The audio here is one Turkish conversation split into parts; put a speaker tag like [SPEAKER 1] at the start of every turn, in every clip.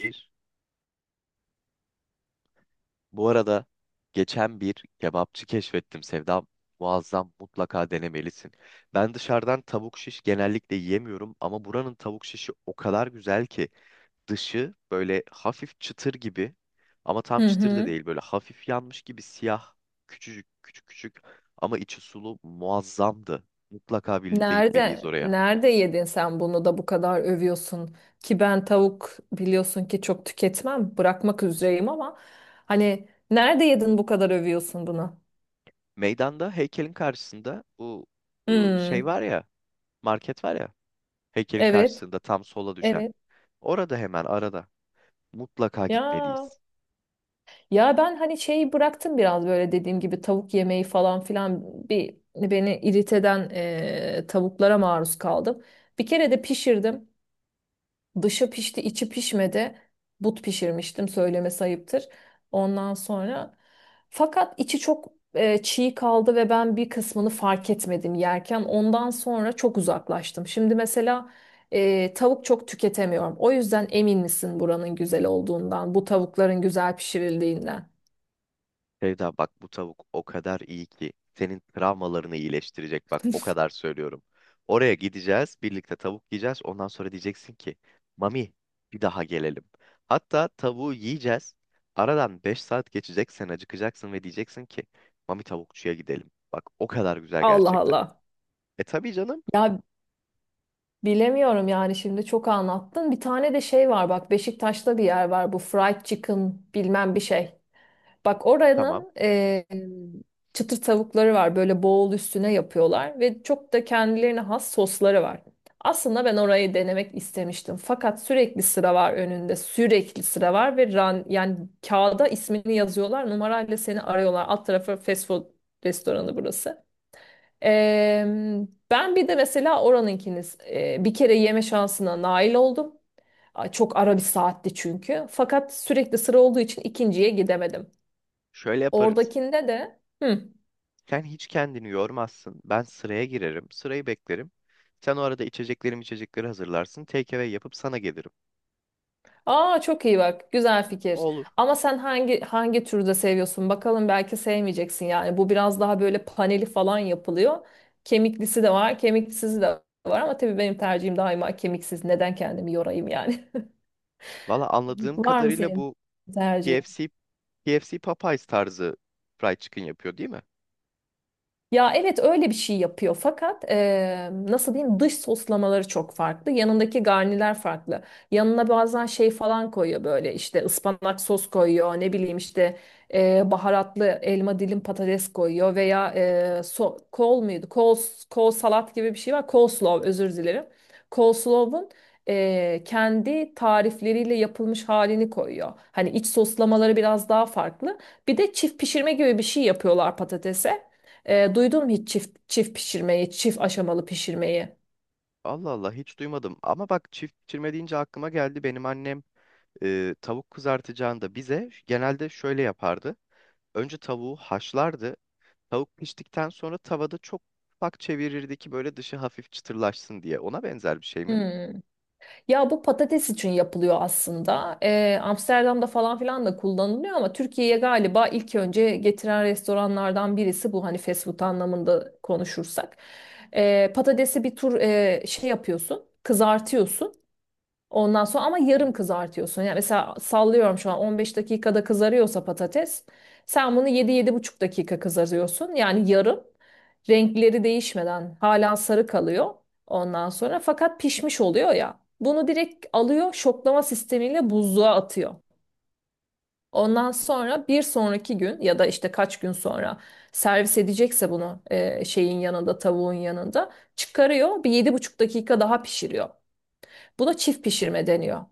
[SPEAKER 1] Bir. Bu arada geçen bir kebapçı keşfettim, Sevda. Muazzam, mutlaka denemelisin. Ben dışarıdan tavuk şiş genellikle yiyemiyorum ama buranın tavuk şişi o kadar güzel ki, dışı böyle hafif çıtır gibi ama tam
[SPEAKER 2] Hı
[SPEAKER 1] çıtır da
[SPEAKER 2] hı.
[SPEAKER 1] değil, böyle hafif yanmış gibi siyah, küçücük küçük küçük ama içi sulu, muazzamdı. Mutlaka birlikte gitmeliyiz
[SPEAKER 2] Nerede
[SPEAKER 1] oraya.
[SPEAKER 2] nerede yedin sen bunu da bu kadar övüyorsun ki ben tavuk biliyorsun ki çok tüketmem bırakmak üzereyim ama hani nerede yedin bu kadar övüyorsun bunu?
[SPEAKER 1] Meydanda heykelin karşısında, bu şey
[SPEAKER 2] Hmm.
[SPEAKER 1] var ya, market var ya, heykelin
[SPEAKER 2] Evet,
[SPEAKER 1] karşısında tam sola düşen.
[SPEAKER 2] evet.
[SPEAKER 1] Orada, hemen arada mutlaka
[SPEAKER 2] Ya,
[SPEAKER 1] gitmeliyiz.
[SPEAKER 2] ya ben hani şeyi bıraktım biraz böyle dediğim gibi tavuk yemeği falan filan. Bir beni irite eden tavuklara maruz kaldım. Bir kere de pişirdim. Dışı pişti, içi pişmedi. But pişirmiştim, söylemesi ayıptır. Ondan sonra fakat içi çok çiğ kaldı ve ben bir kısmını fark etmedim yerken. Ondan sonra çok uzaklaştım. Şimdi mesela tavuk çok tüketemiyorum. O yüzden emin misin buranın güzel olduğundan, bu tavukların güzel pişirildiğinden?
[SPEAKER 1] Sevda, bak bu tavuk o kadar iyi ki senin travmalarını iyileştirecek, bak o kadar söylüyorum. Oraya gideceğiz, birlikte tavuk yiyeceğiz, ondan sonra diyeceksin ki Mami, bir daha gelelim. Hatta tavuğu yiyeceğiz, aradan 5 saat geçecek, sen acıkacaksın ve diyeceksin ki Mami, tavukçuya gidelim. Bak o kadar güzel,
[SPEAKER 2] Allah
[SPEAKER 1] gerçekten.
[SPEAKER 2] Allah.
[SPEAKER 1] E tabii canım,
[SPEAKER 2] Ya, bilemiyorum yani, şimdi çok anlattın. Bir tane de şey var, bak, Beşiktaş'ta bir yer var, bu fried chicken bilmem bir şey. Bak,
[SPEAKER 1] tamam,
[SPEAKER 2] oranın çıtır tavukları var. Böyle boğul üstüne yapıyorlar ve çok da kendilerine has sosları var. Aslında ben orayı denemek istemiştim. Fakat sürekli sıra var önünde. Sürekli sıra var ve yani kağıda ismini yazıyorlar. Numarayla seni arıyorlar. Alt tarafı fast food restoranı burası. E, ben bir de mesela oranınkini bir kere yeme şansına nail oldum. Ay, çok ara bir saatti çünkü. Fakat sürekli sıra olduğu için ikinciye gidemedim.
[SPEAKER 1] şöyle yaparız.
[SPEAKER 2] Oradakinde de hı.
[SPEAKER 1] Sen hiç kendini yormazsın. Ben sıraya girerim, sırayı beklerim. Sen o arada içecekleri hazırlarsın. Take away yapıp sana gelirim.
[SPEAKER 2] Aa, çok iyi bak. Güzel fikir.
[SPEAKER 1] Olur.
[SPEAKER 2] Ama sen hangi türde seviyorsun? Bakalım, belki sevmeyeceksin yani. Bu biraz daha böyle paneli falan yapılıyor. Kemiklisi de var, kemiksizi de var, ama tabii benim tercihim daima kemiksiz. Neden kendimi yorayım yani?
[SPEAKER 1] Valla anladığım
[SPEAKER 2] Var mı
[SPEAKER 1] kadarıyla
[SPEAKER 2] senin
[SPEAKER 1] bu
[SPEAKER 2] tercihin?
[SPEAKER 1] KFC, KFC Popeyes tarzı fried chicken yapıyor değil mi?
[SPEAKER 2] Ya evet, öyle bir şey yapıyor, fakat nasıl diyeyim, dış soslamaları çok farklı. Yanındaki garniler farklı. Yanına bazen şey falan koyuyor, böyle işte ıspanak sos koyuyor, ne bileyim işte baharatlı elma dilim patates koyuyor, veya kol muydu? Kol salat gibi bir şey var. Coleslaw, özür dilerim. Coleslaw'un kendi tarifleriyle yapılmış halini koyuyor. Hani iç soslamaları biraz daha farklı. Bir de çift pişirme gibi bir şey yapıyorlar patatese. Duydun mu hiç çift çift pişirmeyi, çift aşamalı pişirmeyi?
[SPEAKER 1] Allah Allah, hiç duymadım. Ama bak, çift pişirme deyince aklıma geldi. Benim annem tavuk kızartacağında bize genelde şöyle yapardı. Önce tavuğu haşlardı. Tavuk piştikten sonra tavada çok ufak çevirirdi ki böyle dışı hafif çıtırlaşsın diye. Ona benzer bir şey mi?
[SPEAKER 2] Hmm. Ya, bu patates için yapılıyor aslında. Amsterdam'da falan filan da kullanılıyor, ama Türkiye'ye galiba ilk önce getiren restoranlardan birisi bu, hani fast food anlamında konuşursak. Patatesi bir tur şey yapıyorsun, kızartıyorsun. Ondan sonra ama
[SPEAKER 1] Hı?
[SPEAKER 2] yarım kızartıyorsun. Yani mesela sallıyorum, şu an 15 dakikada kızarıyorsa patates, sen bunu 7 buçuk dakika kızarıyorsun. Yani yarım, renkleri değişmeden hala sarı kalıyor, ondan sonra fakat pişmiş oluyor ya. Bunu direkt alıyor, şoklama sistemiyle buzluğa atıyor. Ondan sonra bir sonraki gün ya da işte kaç gün sonra servis edecekse, bunu şeyin yanında, tavuğun yanında çıkarıyor, bir yedi buçuk dakika daha pişiriyor. Buna çift pişirme deniyor.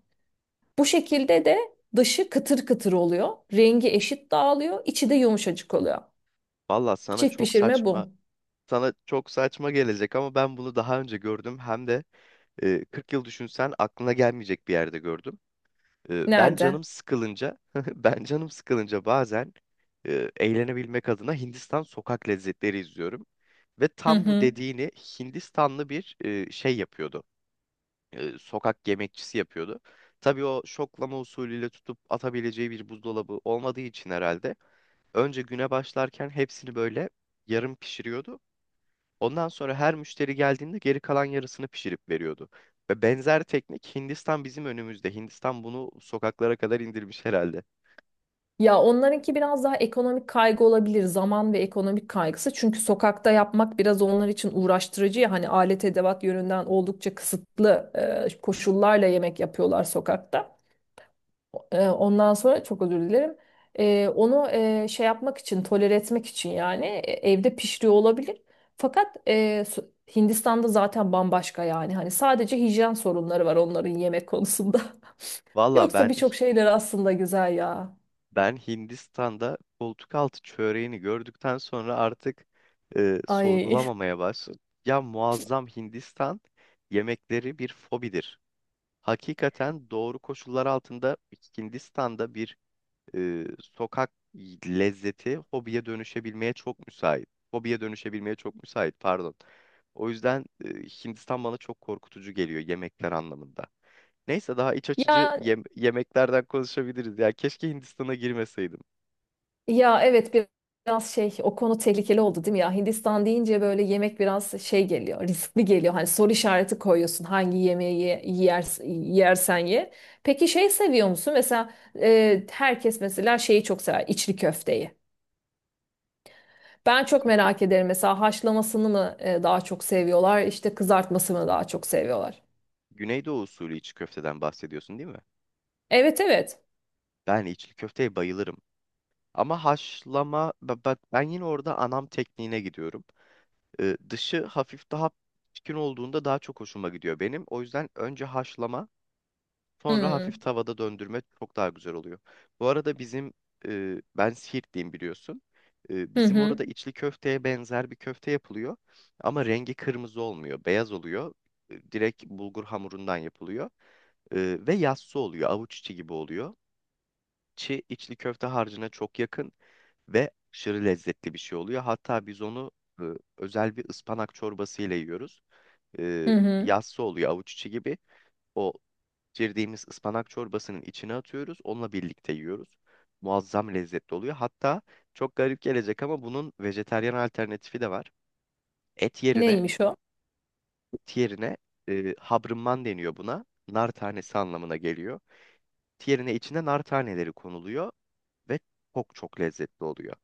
[SPEAKER 2] Bu şekilde de dışı kıtır kıtır oluyor. Rengi eşit dağılıyor, içi de yumuşacık oluyor.
[SPEAKER 1] Vallahi
[SPEAKER 2] Çift pişirme bu.
[SPEAKER 1] sana çok saçma gelecek ama ben bunu daha önce gördüm, hem de 40 yıl düşünsen aklına gelmeyecek bir yerde gördüm. Ben
[SPEAKER 2] Nerede?
[SPEAKER 1] canım sıkılınca ben canım sıkılınca bazen eğlenebilmek adına Hindistan sokak lezzetleri izliyorum ve
[SPEAKER 2] Hı
[SPEAKER 1] tam bu
[SPEAKER 2] hı.
[SPEAKER 1] dediğini Hindistanlı bir şey yapıyordu. Sokak yemekçisi yapıyordu. Tabii o, şoklama usulüyle tutup atabileceği bir buzdolabı olmadığı için herhalde, önce güne başlarken hepsini böyle yarım pişiriyordu. Ondan sonra her müşteri geldiğinde geri kalan yarısını pişirip veriyordu. Ve benzer teknik, Hindistan bizim önümüzde. Hindistan bunu sokaklara kadar indirmiş herhalde.
[SPEAKER 2] Ya, onlarınki biraz daha ekonomik kaygı olabilir. Zaman ve ekonomik kaygısı. Çünkü sokakta yapmak biraz onlar için uğraştırıcı ya. Hani alet edevat yönünden oldukça kısıtlı koşullarla yemek yapıyorlar sokakta. Ondan sonra, çok özür dilerim. Onu şey yapmak için, tolere etmek için yani evde pişiriyor olabilir. Fakat Hindistan'da zaten bambaşka yani. Hani sadece hijyen sorunları var onların yemek konusunda.
[SPEAKER 1] Valla
[SPEAKER 2] Yoksa
[SPEAKER 1] ben
[SPEAKER 2] birçok şeyler aslında güzel ya.
[SPEAKER 1] Ben Hindistan'da koltuk altı çöreğini gördükten sonra artık
[SPEAKER 2] Ay.
[SPEAKER 1] sorgulamamaya başladım. Ya muazzam, Hindistan yemekleri bir fobidir. Hakikaten doğru koşullar altında Hindistan'da bir sokak lezzeti hobiye dönüşebilmeye çok müsait. Hobiye dönüşebilmeye çok müsait, pardon. O yüzden Hindistan bana çok korkutucu geliyor yemekler anlamında. Neyse, daha iç açıcı
[SPEAKER 2] Ya,
[SPEAKER 1] yemeklerden konuşabiliriz. Ya keşke Hindistan'a girmeseydim.
[SPEAKER 2] ya evet, biraz şey, o konu tehlikeli oldu değil mi, ya Hindistan deyince böyle yemek biraz şey geliyor, riskli geliyor, hani soru işareti koyuyorsun hangi yemeği yer, yersen ye. Peki şey seviyor musun mesela, herkes mesela şeyi çok sever, içli köfteyi. Ben çok
[SPEAKER 1] İçli kö-
[SPEAKER 2] merak ederim mesela, haşlamasını mı daha çok seviyorlar, işte kızartmasını mı daha çok seviyorlar.
[SPEAKER 1] Güneydoğu usulü içli köfteden bahsediyorsun değil mi?
[SPEAKER 2] Evet, evet.
[SPEAKER 1] Ben içli köfteye bayılırım. Ama haşlama, ben yine orada anam tekniğine gidiyorum. Dışı hafif daha pişkin olduğunda daha çok hoşuma gidiyor benim. O yüzden önce haşlama, sonra hafif
[SPEAKER 2] Hmm.
[SPEAKER 1] tavada döndürme çok daha güzel oluyor. Bu arada bizim, ben Siirtliyim, biliyorsun. E,
[SPEAKER 2] Hı
[SPEAKER 1] bizim
[SPEAKER 2] hı.
[SPEAKER 1] orada içli köfteye benzer bir köfte yapılıyor. Ama rengi kırmızı olmuyor, beyaz oluyor. E, direkt bulgur hamurundan yapılıyor. E, ve yassı oluyor, avuç içi gibi oluyor. İçli köfte harcına çok yakın ve aşırı lezzetli bir şey oluyor. Hatta biz onu e, özel bir ıspanak çorbası ile yiyoruz. E,
[SPEAKER 2] Hı hı.
[SPEAKER 1] yassı oluyor, avuç içi gibi. O pişirdiğimiz ıspanak çorbasının içine atıyoruz. Onunla birlikte yiyoruz. Muazzam lezzetli oluyor. Hatta çok garip gelecek ama bunun vejetaryen alternatifi de var. Et yerine,
[SPEAKER 2] Neymiş o?
[SPEAKER 1] et yerine habrımman deniyor buna. Nar tanesi anlamına geliyor. Et yerine içine nar taneleri konuluyor ve çok çok lezzetli oluyor.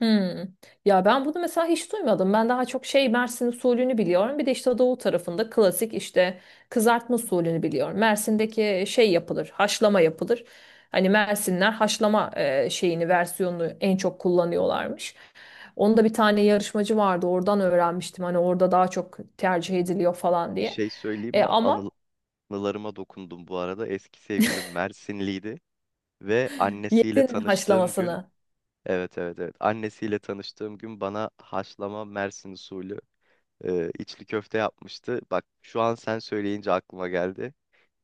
[SPEAKER 2] Hmm. Ya ben bunu mesela hiç duymadım. Ben daha çok şey, Mersin usulünü biliyorum. Bir de işte doğu tarafında klasik işte kızartma usulünü biliyorum. Mersin'deki şey yapılır, haşlama yapılır. Hani Mersinler haşlama şeyini, versiyonunu en çok kullanıyorlarmış. Onda bir tane yarışmacı vardı. Oradan öğrenmiştim. Hani orada daha çok tercih ediliyor falan
[SPEAKER 1] Bir
[SPEAKER 2] diye.
[SPEAKER 1] şey söyleyeyim
[SPEAKER 2] E,
[SPEAKER 1] mi?
[SPEAKER 2] ama
[SPEAKER 1] Anılarıma dokundum bu arada. Eski sevgilim Mersinliydi ve annesiyle
[SPEAKER 2] yedin mi
[SPEAKER 1] tanıştığım gün,
[SPEAKER 2] haşlamasını?
[SPEAKER 1] evet evet evet, annesiyle tanıştığım gün bana haşlama Mersin usulü içli köfte yapmıştı. Bak şu an sen söyleyince aklıma geldi.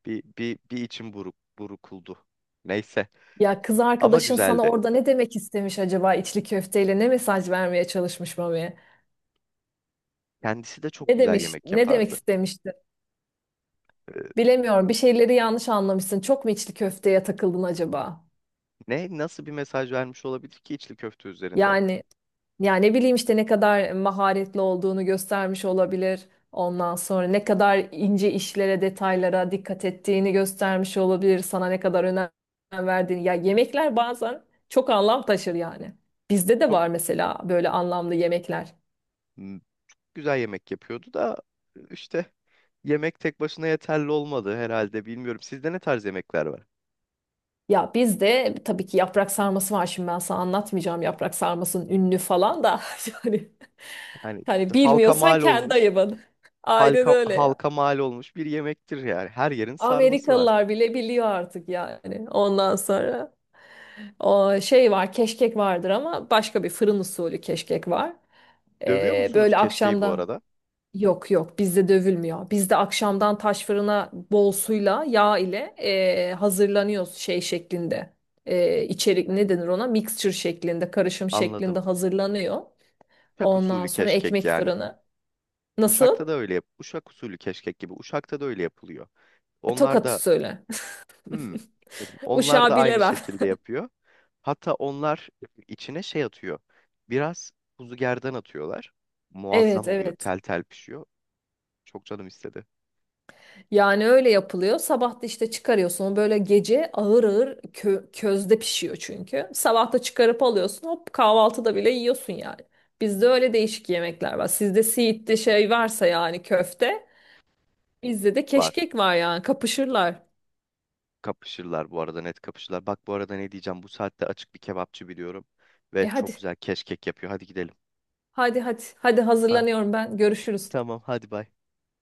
[SPEAKER 1] Bir içim buruk, burukuldu. Neyse,
[SPEAKER 2] Ya, kız
[SPEAKER 1] ama
[SPEAKER 2] arkadaşın sana
[SPEAKER 1] güzeldi.
[SPEAKER 2] orada ne demek istemiş acaba, içli köfteyle ne mesaj vermeye çalışmış mı?
[SPEAKER 1] Kendisi de çok
[SPEAKER 2] Ne
[SPEAKER 1] güzel
[SPEAKER 2] demiş,
[SPEAKER 1] yemek
[SPEAKER 2] ne demek
[SPEAKER 1] yapardı.
[SPEAKER 2] istemişti?
[SPEAKER 1] E,
[SPEAKER 2] Bilemiyorum. Bir şeyleri yanlış anlamışsın. Çok mu içli köfteye takıldın acaba?
[SPEAKER 1] ne, nasıl bir mesaj vermiş olabilir ki içli köfte üzerinden?
[SPEAKER 2] Yani yani ne bileyim, işte ne kadar maharetli olduğunu göstermiş olabilir. Ondan sonra ne kadar ince işlere, detaylara dikkat ettiğini göstermiş olabilir. Sana ne kadar önem verdiğini. Ya, yemekler bazen çok anlam taşır yani. Bizde de
[SPEAKER 1] Çok
[SPEAKER 2] var mesela böyle anlamlı yemekler.
[SPEAKER 1] güzel yemek yapıyordu da işte, yemek tek başına yeterli olmadı herhalde, bilmiyorum. Sizde ne tarz yemekler var?
[SPEAKER 2] Ya biz de tabii ki yaprak sarması var, şimdi ben sana anlatmayacağım yaprak sarmasının ünlü falan da yani,
[SPEAKER 1] Hani
[SPEAKER 2] hani
[SPEAKER 1] halka
[SPEAKER 2] bilmiyorsan
[SPEAKER 1] mal
[SPEAKER 2] kendi
[SPEAKER 1] olmuş,
[SPEAKER 2] ayıbın. Aynen
[SPEAKER 1] halka,
[SPEAKER 2] öyle ya.
[SPEAKER 1] halka mal olmuş bir yemektir yani. Her yerin sarması var.
[SPEAKER 2] Amerikalılar bile biliyor artık yani. Ondan sonra o şey var, keşkek vardır, ama başka bir fırın usulü keşkek var.
[SPEAKER 1] Dövüyor
[SPEAKER 2] Ee,
[SPEAKER 1] musunuz
[SPEAKER 2] böyle
[SPEAKER 1] keşkeyi bu
[SPEAKER 2] akşamda.
[SPEAKER 1] arada?
[SPEAKER 2] Yok, yok, bizde dövülmüyor. Bizde akşamdan taş fırına bol suyla yağ ile hazırlanıyoruz şey şeklinde. İçerik
[SPEAKER 1] Hı.
[SPEAKER 2] ne denir ona? Mixture şeklinde, karışım şeklinde
[SPEAKER 1] Anladım.
[SPEAKER 2] hazırlanıyor.
[SPEAKER 1] Uşak
[SPEAKER 2] Ondan
[SPEAKER 1] usulü
[SPEAKER 2] sonra
[SPEAKER 1] keşkek
[SPEAKER 2] ekmek
[SPEAKER 1] yani.
[SPEAKER 2] fırını. Nasıl?
[SPEAKER 1] Uşak'ta da öyle yap. Uşak usulü keşkek gibi. Uşak'ta da öyle yapılıyor. Onlar
[SPEAKER 2] Tokat
[SPEAKER 1] da
[SPEAKER 2] usulü.
[SPEAKER 1] Hmm. dedim. Onlar
[SPEAKER 2] Uşağı
[SPEAKER 1] da aynı
[SPEAKER 2] bilemem.
[SPEAKER 1] şekilde yapıyor. Hatta onlar içine şey atıyor. Biraz kuzu gerdan atıyorlar. Muazzam
[SPEAKER 2] Evet,
[SPEAKER 1] oluyor.
[SPEAKER 2] evet.
[SPEAKER 1] Tel tel pişiyor. Çok canım istedi.
[SPEAKER 2] Yani öyle yapılıyor. Sabah da işte çıkarıyorsun. O böyle gece ağır ağır, közde pişiyor çünkü. Sabah da çıkarıp alıyorsun. Hop, kahvaltıda bile yiyorsun yani. Bizde öyle değişik yemekler var. Sizde siitli şey varsa yani, köfte. Bizde de
[SPEAKER 1] Var.
[SPEAKER 2] keşkek var yani. Kapışırlar.
[SPEAKER 1] Kapışırlar bu arada, net kapışırlar. Bak bu arada ne diyeceğim. Bu saatte açık bir kebapçı biliyorum. Ve çok
[SPEAKER 2] Hadi.
[SPEAKER 1] güzel keşkek yapıyor. Hadi gidelim.
[SPEAKER 2] Hadi, hadi. Hadi,
[SPEAKER 1] Ha,
[SPEAKER 2] hazırlanıyorum ben. Görüşürüz.
[SPEAKER 1] tamam, hadi bay.